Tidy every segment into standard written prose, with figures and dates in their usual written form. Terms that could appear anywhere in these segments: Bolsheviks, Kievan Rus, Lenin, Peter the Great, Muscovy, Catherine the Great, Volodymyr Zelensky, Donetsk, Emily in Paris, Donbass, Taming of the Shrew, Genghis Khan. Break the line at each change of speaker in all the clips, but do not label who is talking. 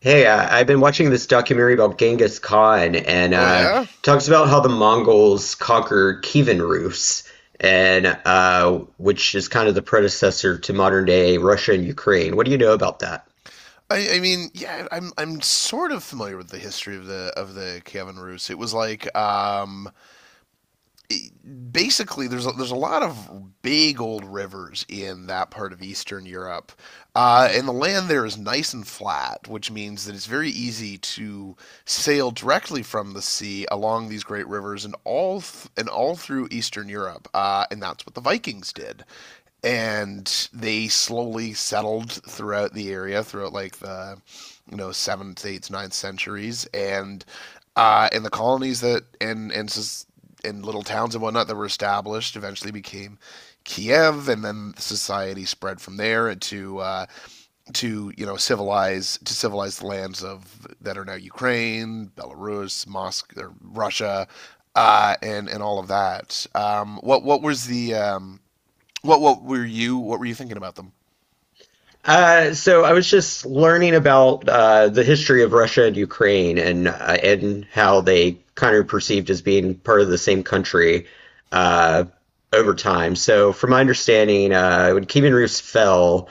Hey, I've been watching this documentary about Genghis Khan, and
Oh
uh, it
yeah,
talks about how the Mongols conquered Kievan Rus, and which is kind of the predecessor to modern day Russia and Ukraine. What do you know about that?
I mean, yeah, I'm sort of familiar with the history of the Kievan Rus. It was like, it- basically, there's a lot of big old rivers in that part of Eastern Europe, and the land there is nice and flat, which means that it's very easy to sail directly from the sea along these great rivers and all through Eastern Europe, and that's what the Vikings did. And they slowly settled throughout the area throughout like the seventh, eighth, ninth centuries, and the colonies that and little towns and whatnot that were established eventually became Kiev, and then society spread from there to civilize the lands of that are now Ukraine, Belarus, Moscow, or Russia, and all of that. What was the What were you thinking about them?
So I was just learning about the history of Russia and Ukraine and how they kind of perceived as being part of the same country uh, over time. So from my understanding, when Kievan Rus fell,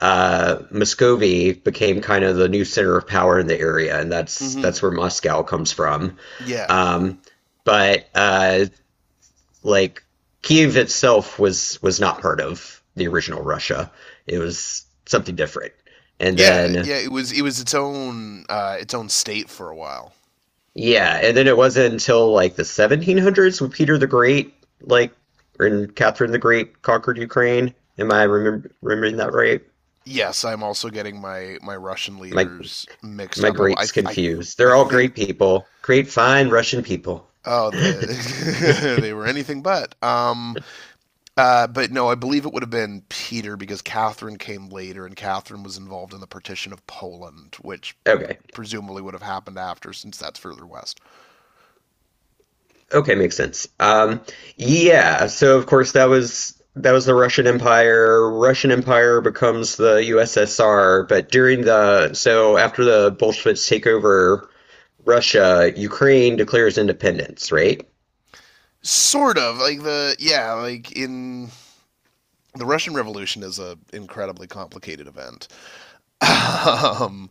Muscovy became kind of the new center of power in the area, and that's
Mm-hmm.
that's where Moscow comes from.
Yeah.
Um, but like Kiev itself was not part of the original Russia. It was something different. And
Yeah,
then
yeah, it was its own state for a while.
yeah, and then it wasn't until like the 1700s when Peter the Great, like, and Catherine the Great conquered Ukraine. Am I remembering that right?
Yes, I'm also getting my Russian
My
leaders mixed
my
up. I I
greats
I,
confused.
I
They're all great
think,
people, great fine Russian people.
oh, the they were anything but no, I believe it would have been Peter because Catherine came later, and Catherine was involved in the partition of Poland, which
Okay.
presumably would have happened after, since that's further west.
Okay, makes sense. Yeah, so of course that was the Russian Empire. Russian Empire becomes the USSR, but during the so after the Bolsheviks take over Russia, Ukraine declares independence, right?
Sort of like the Yeah. like in The Russian Revolution is an incredibly complicated event. Um,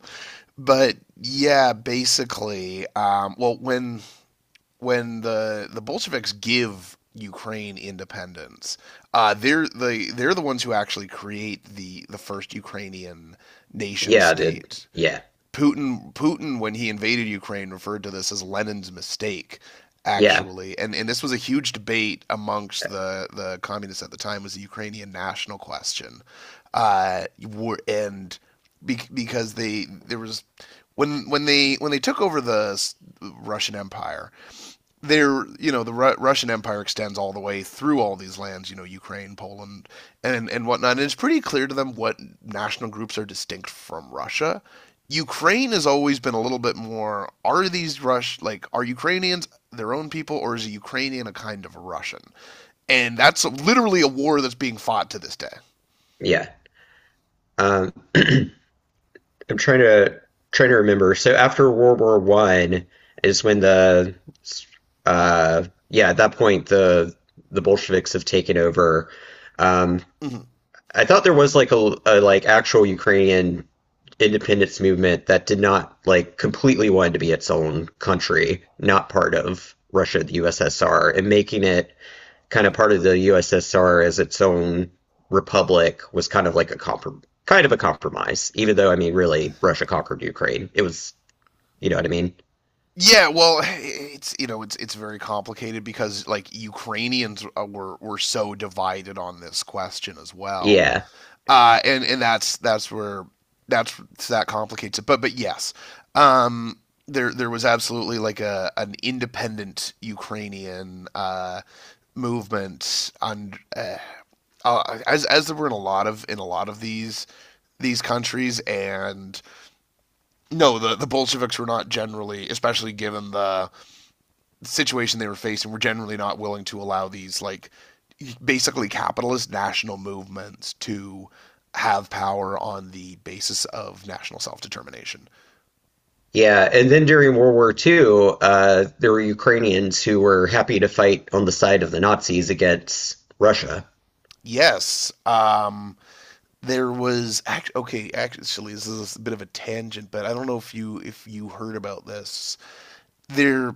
but yeah, basically, well, when the Bolsheviks give Ukraine independence, they're the ones who actually create the first Ukrainian nation
Yeah, did
state.
yeah,
Putin, when he invaded Ukraine, referred to this as Lenin's mistake,
yeah,
actually. And this was a huge debate
uh,
amongst the communists at the time, was the Ukrainian national question. Were and be, because they there was When they took over the Russian Empire, they're, Russian Empire extends all the way through all these lands, Ukraine, Poland, and whatnot. And it's pretty clear to them what national groups are distinct from Russia. Ukraine has always been a little bit more. Are these Rush like are Ukrainians their own people, or is a Ukrainian a kind of a Russian? And that's literally a war that's being fought to this day.
yeah. Um, I'm trying to remember. So after World War One is when the yeah at that point the Bolsheviks have taken over. Um,
Hmm.
I thought there was like a like actual Ukrainian independence movement that did not like completely wanted to be its own country, not part of Russia, the USSR, and making it kind of part of the USSR as its own republic was kind of like kind of a compromise. Even though I mean, really, Russia conquered Ukraine. It was, you know what I mean?
Yeah, well, it's you know it's very complicated because like Ukrainians, were so divided on this question as well.
Yeah.
And that's where that's that complicates it. But yes, um, there was absolutely like a an independent Ukrainian, movement on, as there were in a lot of, these countries, and no, the Bolsheviks were not generally, especially given the situation they were facing, were generally not willing to allow these like basically capitalist national movements to have power on the basis of national self determination.
Yeah, and then during World War Two, there were Ukrainians who were happy to fight on the side of the Nazis against Russia.
Yes, Okay. Actually, this is a bit of a tangent, but I don't know if you, if you heard about this. There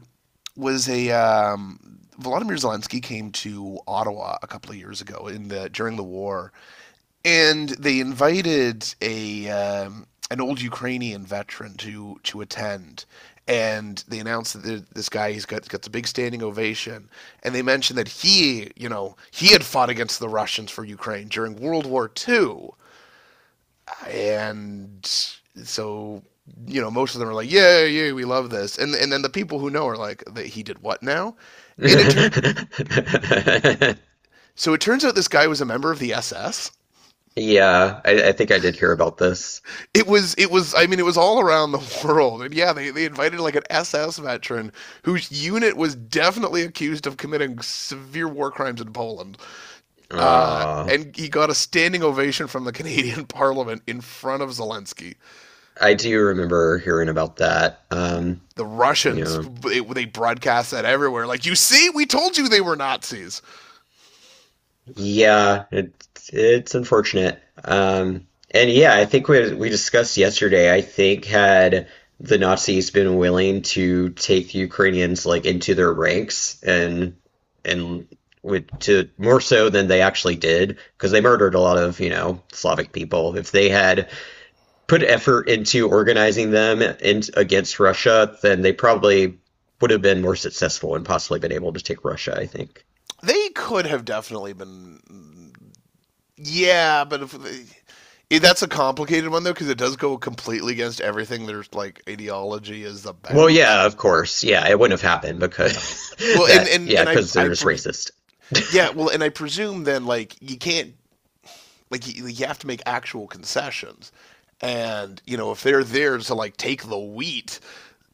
was a Volodymyr Zelensky came to Ottawa a couple of years ago in the during the war, and they invited a an old Ukrainian veteran to attend. And they announced that, this guy, he's got the big standing ovation, and they mentioned that he, you know, he had fought against the Russians for Ukraine during World War II, and so, you know, most of them are like, yeah, yeah, we love this, and then the people who know are like, that he did what now? And it turned
Yeah,
so it turns out this guy was a member of the SS.
I think I did hear about this.
It was, I mean, it was all around the world, and yeah, they invited like an SS veteran whose unit was definitely accused of committing severe war crimes in Poland,
Uh,
and he got a standing ovation from the Canadian parliament in front of Zelensky.
I do remember hearing about that.
the russians
Yeah,
it, they broadcast that everywhere, like, you see, we told you they were Nazis.
yeah, it's unfortunate. And yeah, I think we discussed yesterday. I think had the Nazis been willing to take the Ukrainians like into their ranks and with to more so than they actually did, because they murdered a lot of, you know, Slavic people. If they had put effort into organizing them in, against Russia, then they probably would have been more successful and possibly been able to take Russia, I think.
They could have definitely been. Yeah, but if it, that's a complicated one, though, because it does go completely against everything their like ideology is
Well,
about.
yeah, of course. Yeah, it wouldn't have happened because
Well, and
that,
and
yeah,
and
because
I
they're just
pres
racist.
yeah, well, and I presume then, like, you can't, like, you have to make actual concessions, and if they're there to like take the wheat,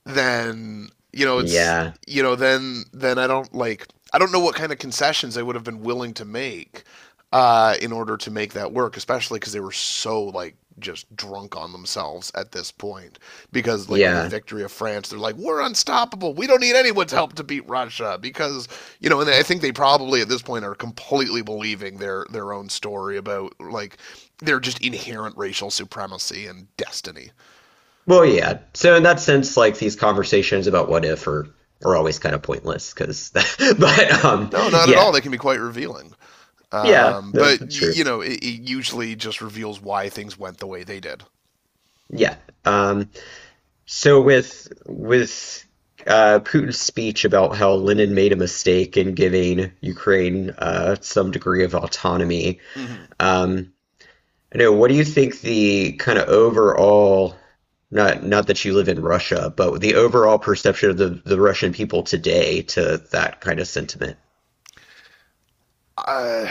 then you know it's
Yeah,
you know then I don't know what kind of concessions they would have been willing to make, in order to make that work, especially because they were so like just drunk on themselves at this point, because like with the
yeah.
victory of France they're like, we're unstoppable, we don't need anyone's help to beat Russia, because you know and I think they probably at this point are completely believing their own story about like their just inherent racial supremacy and destiny.
Well, yeah. So in that sense, like these conversations about what if are, are always kind of pointless because, but
No, not at all,
yeah,
they can be quite revealing.
yeah, that,
But
that's true.
it usually just reveals why things went the way they did.
Yeah. Um, So with with Putin's speech about how Lenin made a mistake in giving Ukraine some degree of autonomy,
Mm-hmm.
um, I know, what do you think the kind of overall, not not that you live in Russia, but the overall perception of the Russian people today to that kind of sentiment,
Uh,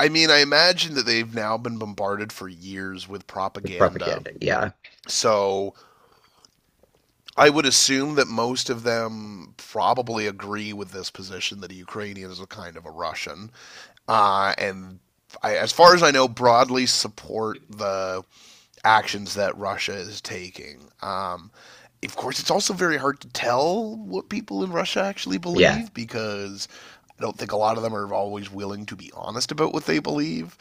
I mean, I imagine that they've now been bombarded for years with
the
propaganda.
propaganda? Yeah,
So I would assume that most of them probably agree with this position that a Ukrainian is a kind of a Russian, and I, as far as I know, broadly support the actions that Russia is taking. Of course, it's also very hard to tell what people in Russia actually
yeah,
believe because I don't think a lot of them are always willing to be honest about what they believe,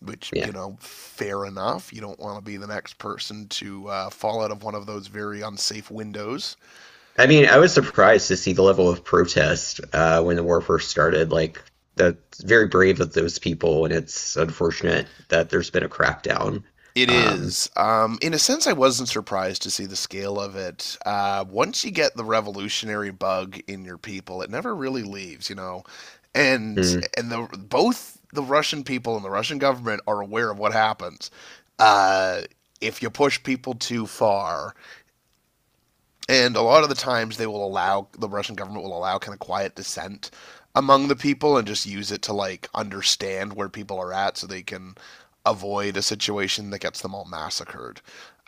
which, you
yeah.
know, fair enough. You don't want to be the next person to, fall out of one of those very unsafe windows.
I mean, I was surprised to see the level of protest when the war first started. Like, that's very brave of those people, and it's unfortunate that there's been a crackdown.
It
Um.
is. In a sense, I wasn't surprised to see the scale of it. Once you get the revolutionary bug in your people, it never really leaves, you know.
Hmm.
And the both the Russian people and the Russian government are aware of what happens. Uh, if you push people too far, and a lot of the times, the Russian government will allow kind of quiet dissent among the people and just use it to like understand where people are at so they can avoid a situation that gets them all massacred.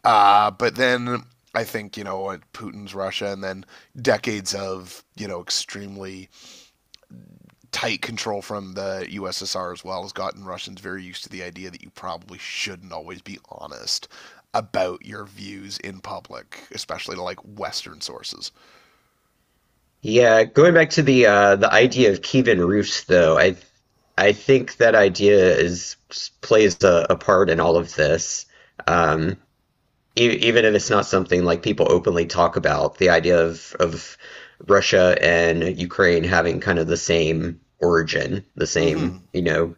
But then I think, Putin's Russia, and then decades of, extremely tight control from the USSR as well, has gotten Russians very used to the idea that you probably shouldn't always be honest about your views in public, especially to like Western sources.
Yeah, going back to the idea of Kievan roofs, though, I think that idea is plays a part in all of this. Um, Even if it's not something like people openly talk about, the idea of Russia and Ukraine having kind of the same origin, the same,
Mm-hmm.
you know,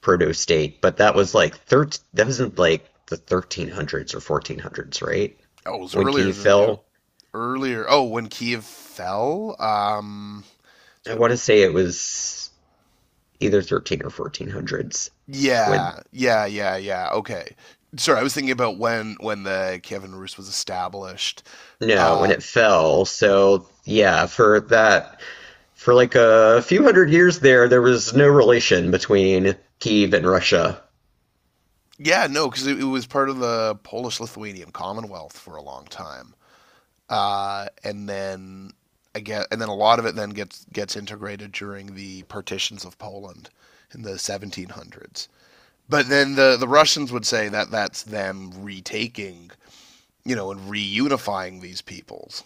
proto state. But that was like that wasn't like the 1300s or 1400s, right?
Oh, it was
When
earlier
Kiev
than,
fell,
earlier. Oh, when Kiev fell.
I
So-
want to say it was either 13 or 1400s when
yeah. Yeah. Yeah. Yeah. Okay. Sorry, I was thinking about when the Kievan Rus was established.
no, when
Uh.
it fell. So yeah, for that for like a few hundred years there, there was no relation between Kiev and Russia.
Yeah. No, because it was part of the Polish-Lithuanian Commonwealth for a long time. And then, I guess, and then a lot of it then gets integrated during the partitions of Poland in the 1700s. But then the Russians would say that that's them retaking, and reunifying these peoples.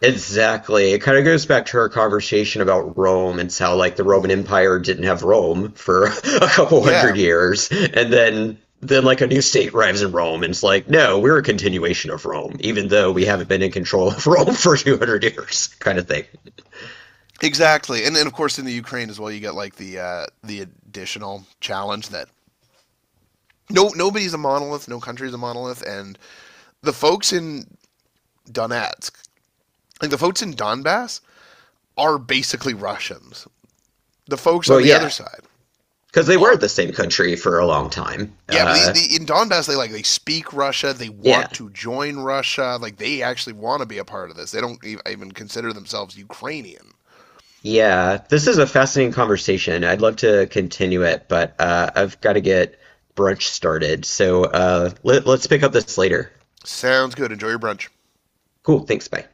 Exactly. It kind of goes back to our conversation about Rome and how like the Roman
Hmm.
Empire didn't have Rome for a couple
Yeah.
hundred years, and then like a new state arrives in Rome and it's like, no, we're a
Hmm.
continuation of Rome, even though we
Yeah.
haven't been in control of Rome for 200 years, kind of thing.
Exactly. And then, of course, in the Ukraine as well, you get like the additional challenge that, no, nobody's a monolith, no country's a monolith, and the folks in Donetsk, like the folks in Donbass, are basically Russians. The folks on
Well,
the other
yeah,
side
because they were
are.
the same country for a long time.
Yeah, but
Uh,
the in Donbass, they speak Russia, they
yeah,
want to join Russia, like they actually want to be a part of this. They don't even consider themselves Ukrainian.
Yeah, this is a fascinating conversation. I'd love to continue it, but I've got to get brunch started. So let's pick up this later.
Sounds good. Enjoy your brunch.
Cool. Thanks. Bye.